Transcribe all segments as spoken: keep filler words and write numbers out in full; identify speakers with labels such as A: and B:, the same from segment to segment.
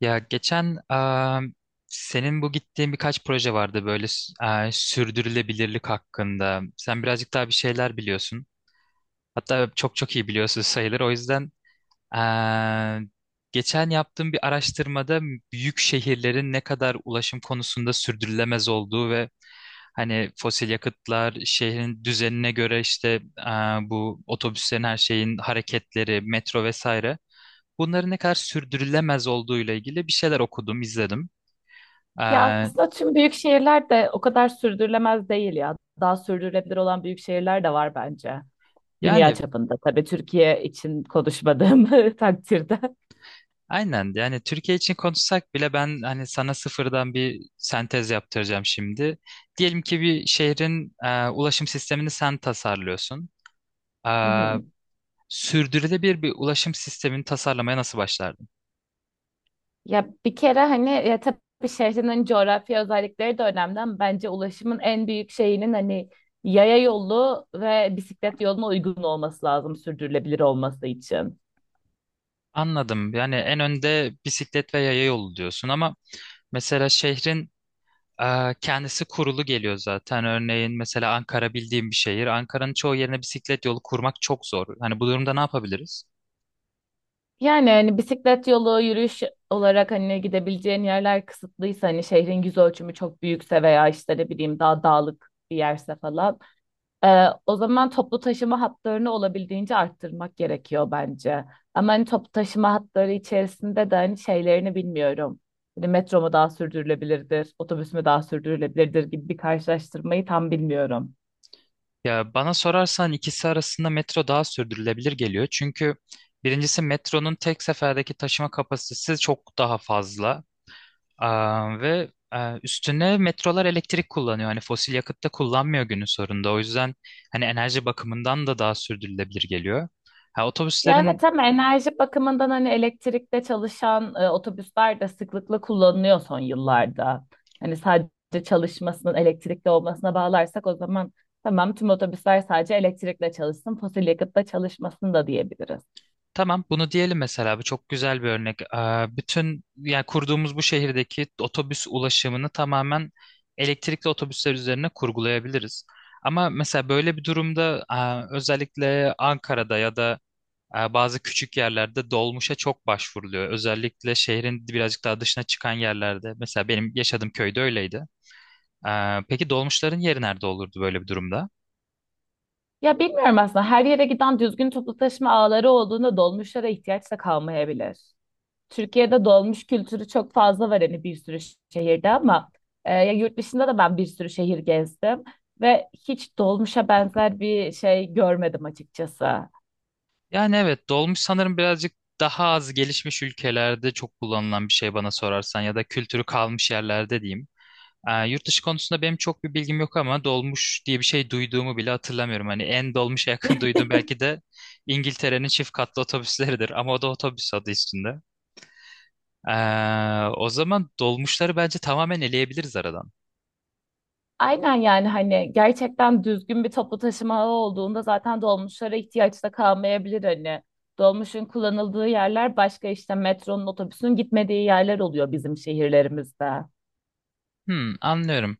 A: Ya geçen eee, senin bu gittiğin birkaç proje vardı böyle s- eee, sürdürülebilirlik hakkında. Sen birazcık daha bir şeyler biliyorsun. Hatta çok çok iyi biliyorsun sayılır. O yüzden eee, geçen yaptığım bir araştırmada büyük şehirlerin ne kadar ulaşım konusunda sürdürülemez olduğu ve hani fosil yakıtlar şehrin düzenine göre işte eee, bu otobüslerin her şeyin hareketleri, metro vesaire bunların ne kadar sürdürülemez olduğuyla ilgili bir şeyler okudum, izledim. Ee,
B: Ya aslında tüm büyük şehirler de o kadar sürdürülemez değil ya. Daha sürdürülebilir olan büyük şehirler de var bence. Dünya
A: Yani
B: çapında, tabii Türkiye için konuşmadığım takdirde.
A: aynen, yani Türkiye için konuşsak bile ben hani sana sıfırdan bir sentez yaptıracağım şimdi. Diyelim ki bir şehrin e, ulaşım sistemini sen tasarlıyorsun.
B: Hı
A: Ee,
B: hı.
A: Sürdürülebilir bir ulaşım sistemini tasarlamaya nasıl başlardın?
B: Ya bir kere, hani, ya tabii şehrinin coğrafya özellikleri de önemli ama bence ulaşımın en büyük şeyinin, hani, yaya yolu ve bisiklet yoluna uygun olması lazım sürdürülebilir olması için.
A: Anladım. Yani en önde bisiklet ve yaya yolu diyorsun ama mesela şehrin Ee, kendisi kurulu geliyor zaten. Örneğin mesela Ankara bildiğim bir şehir. Ankara'nın çoğu yerine bisiklet yolu kurmak çok zor. Hani bu durumda ne yapabiliriz?
B: Yani hani bisiklet yolu, yürüyüş olarak hani gidebileceğin yerler kısıtlıysa, hani şehrin yüz ölçümü çok büyükse veya işte ne bileyim daha dağlık bir yerse falan, e, o zaman toplu taşıma hatlarını olabildiğince arttırmak gerekiyor bence. Ama hani toplu taşıma hatları içerisinde de hani şeylerini bilmiyorum. Hani metro mu daha sürdürülebilirdir, otobüs mü daha sürdürülebilirdir gibi bir karşılaştırmayı tam bilmiyorum.
A: Ya bana sorarsan ikisi arasında metro daha sürdürülebilir geliyor. Çünkü birincisi metronun tek seferdeki taşıma kapasitesi çok daha fazla. Aa, ve e, üstüne metrolar elektrik kullanıyor. Hani fosil yakıt da kullanmıyor günün sonunda. O yüzden hani enerji bakımından da daha sürdürülebilir geliyor. Ha,
B: Ya evet,
A: otobüslerin
B: hem enerji bakımından hani elektrikte çalışan e, otobüsler de sıklıkla kullanılıyor son yıllarda. Hani sadece çalışmasının elektrikli olmasına bağlarsak o zaman tamam, tüm otobüsler sadece elektrikle çalışsın, fosil yakıtla çalışmasın da diyebiliriz.
A: Tamam, bunu diyelim mesela. Bu çok güzel bir örnek. Ee, bütün, yani kurduğumuz bu şehirdeki otobüs ulaşımını tamamen elektrikli otobüsler üzerine kurgulayabiliriz. Ama mesela böyle bir durumda e, özellikle Ankara'da ya da e, bazı küçük yerlerde dolmuşa çok başvuruluyor. Özellikle şehrin birazcık daha dışına çıkan yerlerde. Mesela benim yaşadığım köyde öyleydi. Ee, peki dolmuşların yeri nerede olurdu böyle bir durumda?
B: Ya bilmiyorum, aslında her yere giden düzgün toplu taşıma ağları olduğunda dolmuşlara ihtiyaç da kalmayabilir. Türkiye'de dolmuş kültürü çok fazla var, hani bir sürü şehirde ama e, ya yurt dışında da ben bir sürü şehir gezdim ve hiç dolmuşa benzer bir şey görmedim açıkçası.
A: Yani evet, dolmuş sanırım birazcık daha az gelişmiş ülkelerde çok kullanılan bir şey bana sorarsan, ya da kültürü kalmış yerlerde diyeyim. Ee, yurt dışı konusunda benim çok bir bilgim yok ama dolmuş diye bir şey duyduğumu bile hatırlamıyorum. Hani en dolmuşa yakın duyduğum belki de İngiltere'nin çift katlı otobüsleridir ama o da otobüs, adı üstünde. Ee, o zaman dolmuşları bence tamamen eleyebiliriz aradan.
B: Aynen, yani hani gerçekten düzgün bir toplu taşıma ağı olduğunda zaten dolmuşlara ihtiyaç da kalmayabilir hani. Dolmuşun kullanıldığı yerler başka, işte metronun, otobüsün gitmediği yerler oluyor bizim şehirlerimizde.
A: Hmm, anlıyorum.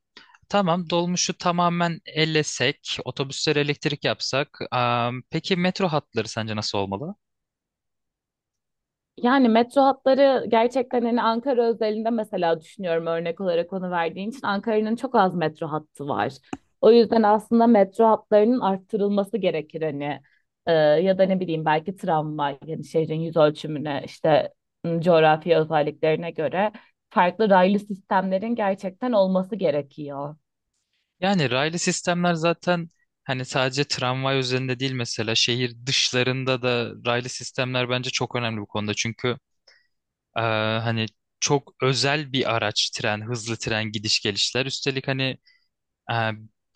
A: Tamam, dolmuşu tamamen ellesek, otobüsleri elektrik yapsak. Am, peki metro hatları sence nasıl olmalı?
B: Yani metro hatları gerçekten, hani, Ankara özelinde mesela düşünüyorum, örnek olarak onu verdiğin için, Ankara'nın çok az metro hattı var. O yüzden aslında metro hatlarının arttırılması gerekir hani. Ee, ya da ne bileyim belki tramvay, yani şehrin yüz ölçümüne, işte m, coğrafi özelliklerine göre farklı raylı sistemlerin gerçekten olması gerekiyor.
A: Yani raylı sistemler zaten, hani sadece tramvay üzerinde değil, mesela şehir dışlarında da raylı sistemler bence çok önemli bu konuda. Çünkü eee, hani çok özel bir araç tren, hızlı tren gidiş gelişler. Üstelik hani eee,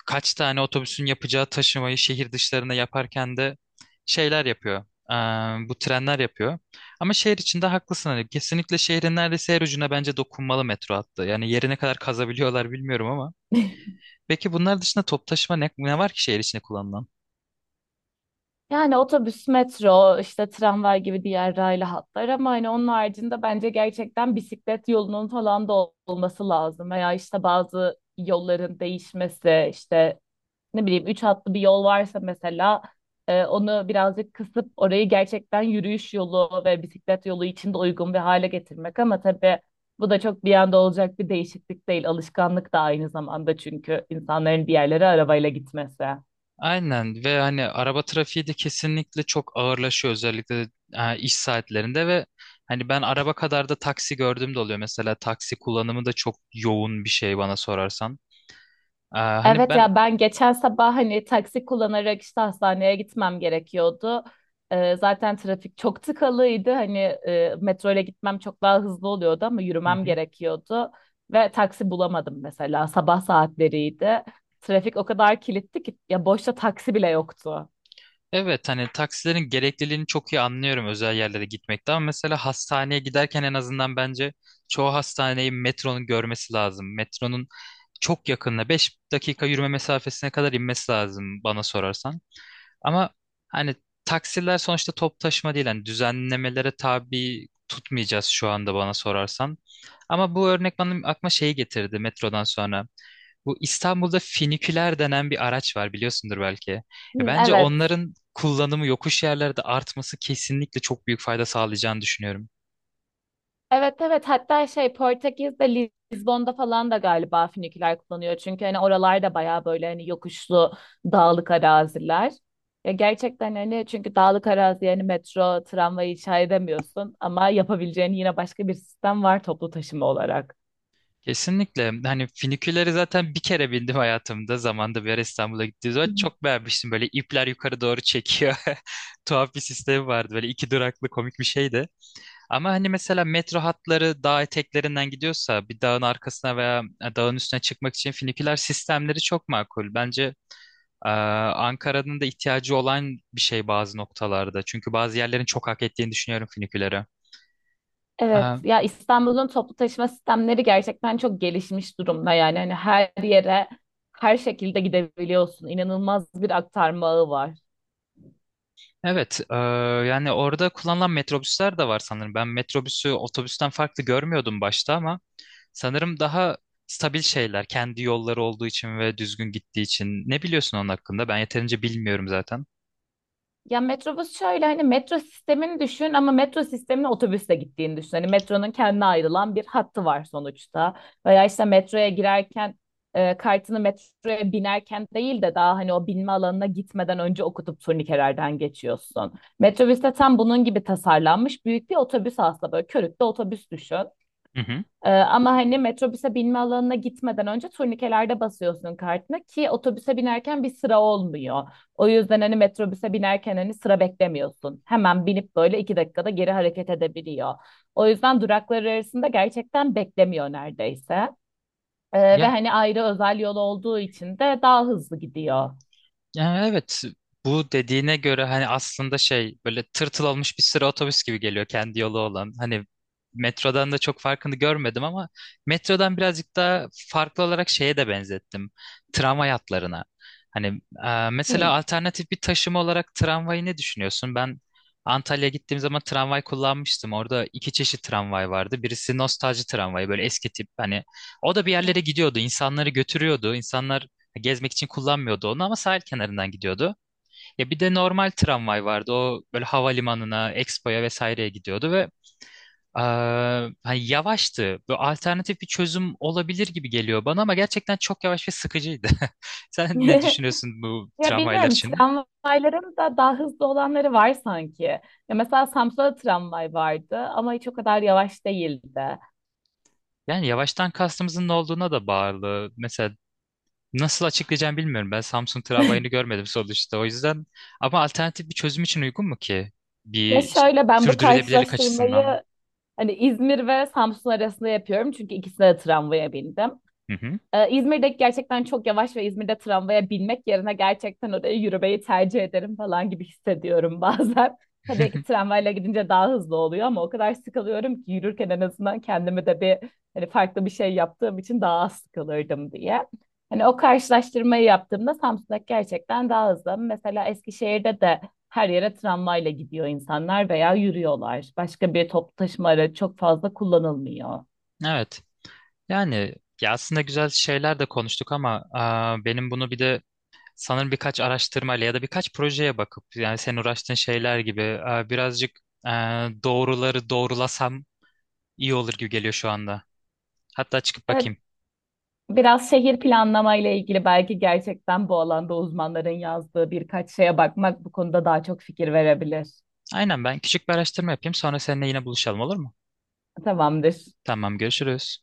A: kaç tane otobüsün yapacağı taşımayı şehir dışlarına yaparken de şeyler yapıyor. Eee, bu trenler yapıyor. Ama şehir içinde haklısın, hani kesinlikle şehrin neredeyse her ucuna bence dokunmalı metro hattı. Yani yerine kadar kazabiliyorlar bilmiyorum ama peki bunlar dışında top taşıma ne, ne var ki şehir içinde kullanılan?
B: Yani otobüs, metro, işte tramvay gibi diğer raylı hatlar ama hani onun haricinde bence gerçekten bisiklet yolunun falan da ol- olması lazım. Veya işte bazı yolların değişmesi, işte ne bileyim üç hatlı bir yol varsa mesela e, onu birazcık kısıp orayı gerçekten yürüyüş yolu ve bisiklet yolu için de uygun bir hale getirmek. Ama tabii bu da çok bir anda olacak bir değişiklik değil. Alışkanlık da aynı zamanda, çünkü insanların bir yerlere arabayla gitmesi.
A: Aynen, ve hani araba trafiği de kesinlikle çok ağırlaşıyor, özellikle e, iş saatlerinde ve hani ben araba kadar da taksi gördüğüm de oluyor. Mesela taksi kullanımı da çok yoğun bir şey bana sorarsan. E, hani
B: Evet
A: ben.
B: ya, ben geçen sabah hani taksi kullanarak işte hastaneye gitmem gerekiyordu. Ee, zaten trafik çok tıkalıydı. Hani e, metro ile gitmem çok daha hızlı oluyordu ama
A: Hı
B: yürümem
A: hı.
B: gerekiyordu. Ve taksi bulamadım mesela. Sabah saatleriydi. Trafik o kadar kilitli ki ya boşta taksi bile yoktu.
A: Evet, hani taksilerin gerekliliğini çok iyi anlıyorum özel yerlere gitmekte, ama mesela hastaneye giderken en azından bence çoğu hastaneyi metronun görmesi lazım. Metronun çok yakında beş dakika yürüme mesafesine kadar inmesi lazım bana sorarsan. Ama hani taksiler sonuçta top taşıma değil. Hani düzenlemelere tabi tutmayacağız şu anda bana sorarsan. Ama bu örnek benim aklıma şeyi getirdi metrodan sonra. Bu İstanbul'da finiküler denen bir araç var, biliyorsundur belki. Ya
B: Hı,
A: bence
B: evet.
A: onların kullanımı yokuş yerlerde artması kesinlikle çok büyük fayda sağlayacağını düşünüyorum.
B: Evet, evet, hatta şey Portekiz'de, Lizbon'da falan da galiba füniküler kullanıyor. Çünkü hani oralarda bayağı böyle hani yokuşlu, dağlık araziler. Ya gerçekten hani, çünkü dağlık arazi, yani metro, tramvay inşa edemiyorsun ama yapabileceğin yine başka bir sistem var toplu taşıma olarak.
A: Kesinlikle. Hani füniküleri zaten bir kere bindim hayatımda. Zamanında bir ara İstanbul'a gittiğimiz zaman çok beğenmiştim. Böyle ipler yukarı doğru çekiyor. Tuhaf bir sistemi vardı. Böyle iki duraklı komik bir şeydi. Ama hani mesela metro hatları dağ eteklerinden gidiyorsa bir dağın arkasına veya e, dağın üstüne çıkmak için füniküler sistemleri çok makul. Bence e, Ankara'nın da ihtiyacı olan bir şey bazı noktalarda. Çünkü bazı yerlerin çok hak ettiğini düşünüyorum fünikülere.
B: Evet, ya İstanbul'un toplu taşıma sistemleri gerçekten çok gelişmiş durumda, yani hani her yere her şekilde gidebiliyorsun. İnanılmaz bir aktarma ağı var.
A: Evet. Eee, yani orada kullanılan metrobüsler de var sanırım. Ben metrobüsü otobüsten farklı görmüyordum başta ama sanırım daha stabil şeyler. Kendi yolları olduğu için ve düzgün gittiği için. Ne biliyorsun onun hakkında? Ben yeterince bilmiyorum zaten.
B: Ya metrobüs şöyle, hani metro sistemini düşün ama metro sistemine otobüsle gittiğini düşün. Hani metronun kendine ayrılan bir hattı var sonuçta. Veya işte metroya girerken e, kartını metroya binerken değil de daha hani o binme alanına gitmeden önce okutup turnikelerden geçiyorsun. Metrobüs de tam bunun gibi tasarlanmış büyük bir otobüs aslında, böyle körükte otobüs düşün.
A: Hı hı.
B: Ee, ama hani metrobüse binme alanına gitmeden önce turnikelerde basıyorsun kartını ki otobüse binerken bir sıra olmuyor. O yüzden hani metrobüse binerken hani sıra beklemiyorsun. Hemen binip böyle iki dakikada geri hareket edebiliyor. O yüzden duraklar arasında gerçekten beklemiyor neredeyse. Ee, ve
A: Ya
B: hani ayrı özel yol olduğu için de daha hızlı gidiyor.
A: Yani evet, bu dediğine göre hani aslında şey, böyle tırtıl olmuş bir sıra otobüs gibi geliyor kendi yolu olan. Hani metrodan da çok farkını görmedim ama metrodan birazcık daha farklı olarak şeye de benzettim. Tramvay hatlarına. Hani e, mesela
B: Hmm.
A: alternatif bir taşıma olarak tramvayı ne düşünüyorsun? Ben Antalya'ya gittiğim zaman tramvay kullanmıştım. Orada iki çeşit tramvay vardı. Birisi nostalji tramvayı, böyle eski tip. Hani o da bir yerlere gidiyordu, insanları götürüyordu. İnsanlar gezmek için kullanmıyordu onu ama sahil kenarından gidiyordu. Ya bir de normal tramvay vardı. O böyle havalimanına, Expo'ya vesaireye gidiyordu ve eee, hani yavaştı. Bu alternatif bir çözüm olabilir gibi geliyor bana ama gerçekten çok yavaş ve sıkıcıydı. Sen ne düşünüyorsun bu
B: Ya
A: tramvaylar
B: bilmiyorum,
A: için?
B: tramvayların da daha hızlı olanları var sanki. Ya mesela Samsun'da da tramvay vardı ama hiç o kadar yavaş değildi.
A: Yani yavaştan kastımızın ne olduğuna da bağlı. Mesela nasıl açıklayacağım bilmiyorum. Ben Samsung tramvayını görmedim sonuçta. O yüzden ama alternatif bir çözüm için uygun mu ki?
B: Ya
A: Bir
B: şöyle, ben bu
A: sürdürülebilirlik
B: karşılaştırmayı
A: açısından.
B: hani İzmir ve Samsun arasında yapıyorum, çünkü ikisine de tramvaya bindim.
A: Hı hı.
B: Ee, İzmir'deki gerçekten çok yavaş ve İzmir'de tramvaya binmek yerine gerçekten oraya yürümeyi tercih ederim falan gibi hissediyorum bazen. Tabii ki tramvayla gidince daha hızlı oluyor ama o kadar sıkılıyorum ki yürürken en azından kendimi de bir, hani, farklı bir şey yaptığım için daha az sıkılırdım diye. Hani o karşılaştırmayı yaptığımda Samsun'daki gerçekten daha hızlı. Mesela Eskişehir'de de her yere tramvayla gidiyor insanlar veya yürüyorlar. Başka bir toplu taşıma aracı çok fazla kullanılmıyor.
A: Evet. Yani ya aslında güzel şeyler de konuştuk ama aa, benim bunu bir de sanırım birkaç araştırmayla ya da birkaç projeye bakıp, yani senin uğraştığın şeyler gibi aa, birazcık aa, doğruları doğrulasam iyi olur gibi geliyor şu anda. Hatta çıkıp
B: Evet.
A: bakayım.
B: Biraz şehir planlama ile ilgili belki gerçekten bu alanda uzmanların yazdığı birkaç şeye bakmak bu konuda daha çok fikir verebilir.
A: Aynen, ben küçük bir araştırma yapayım, sonra seninle yine buluşalım, olur mu?
B: Tamamdır.
A: Tamam, görüşürüz.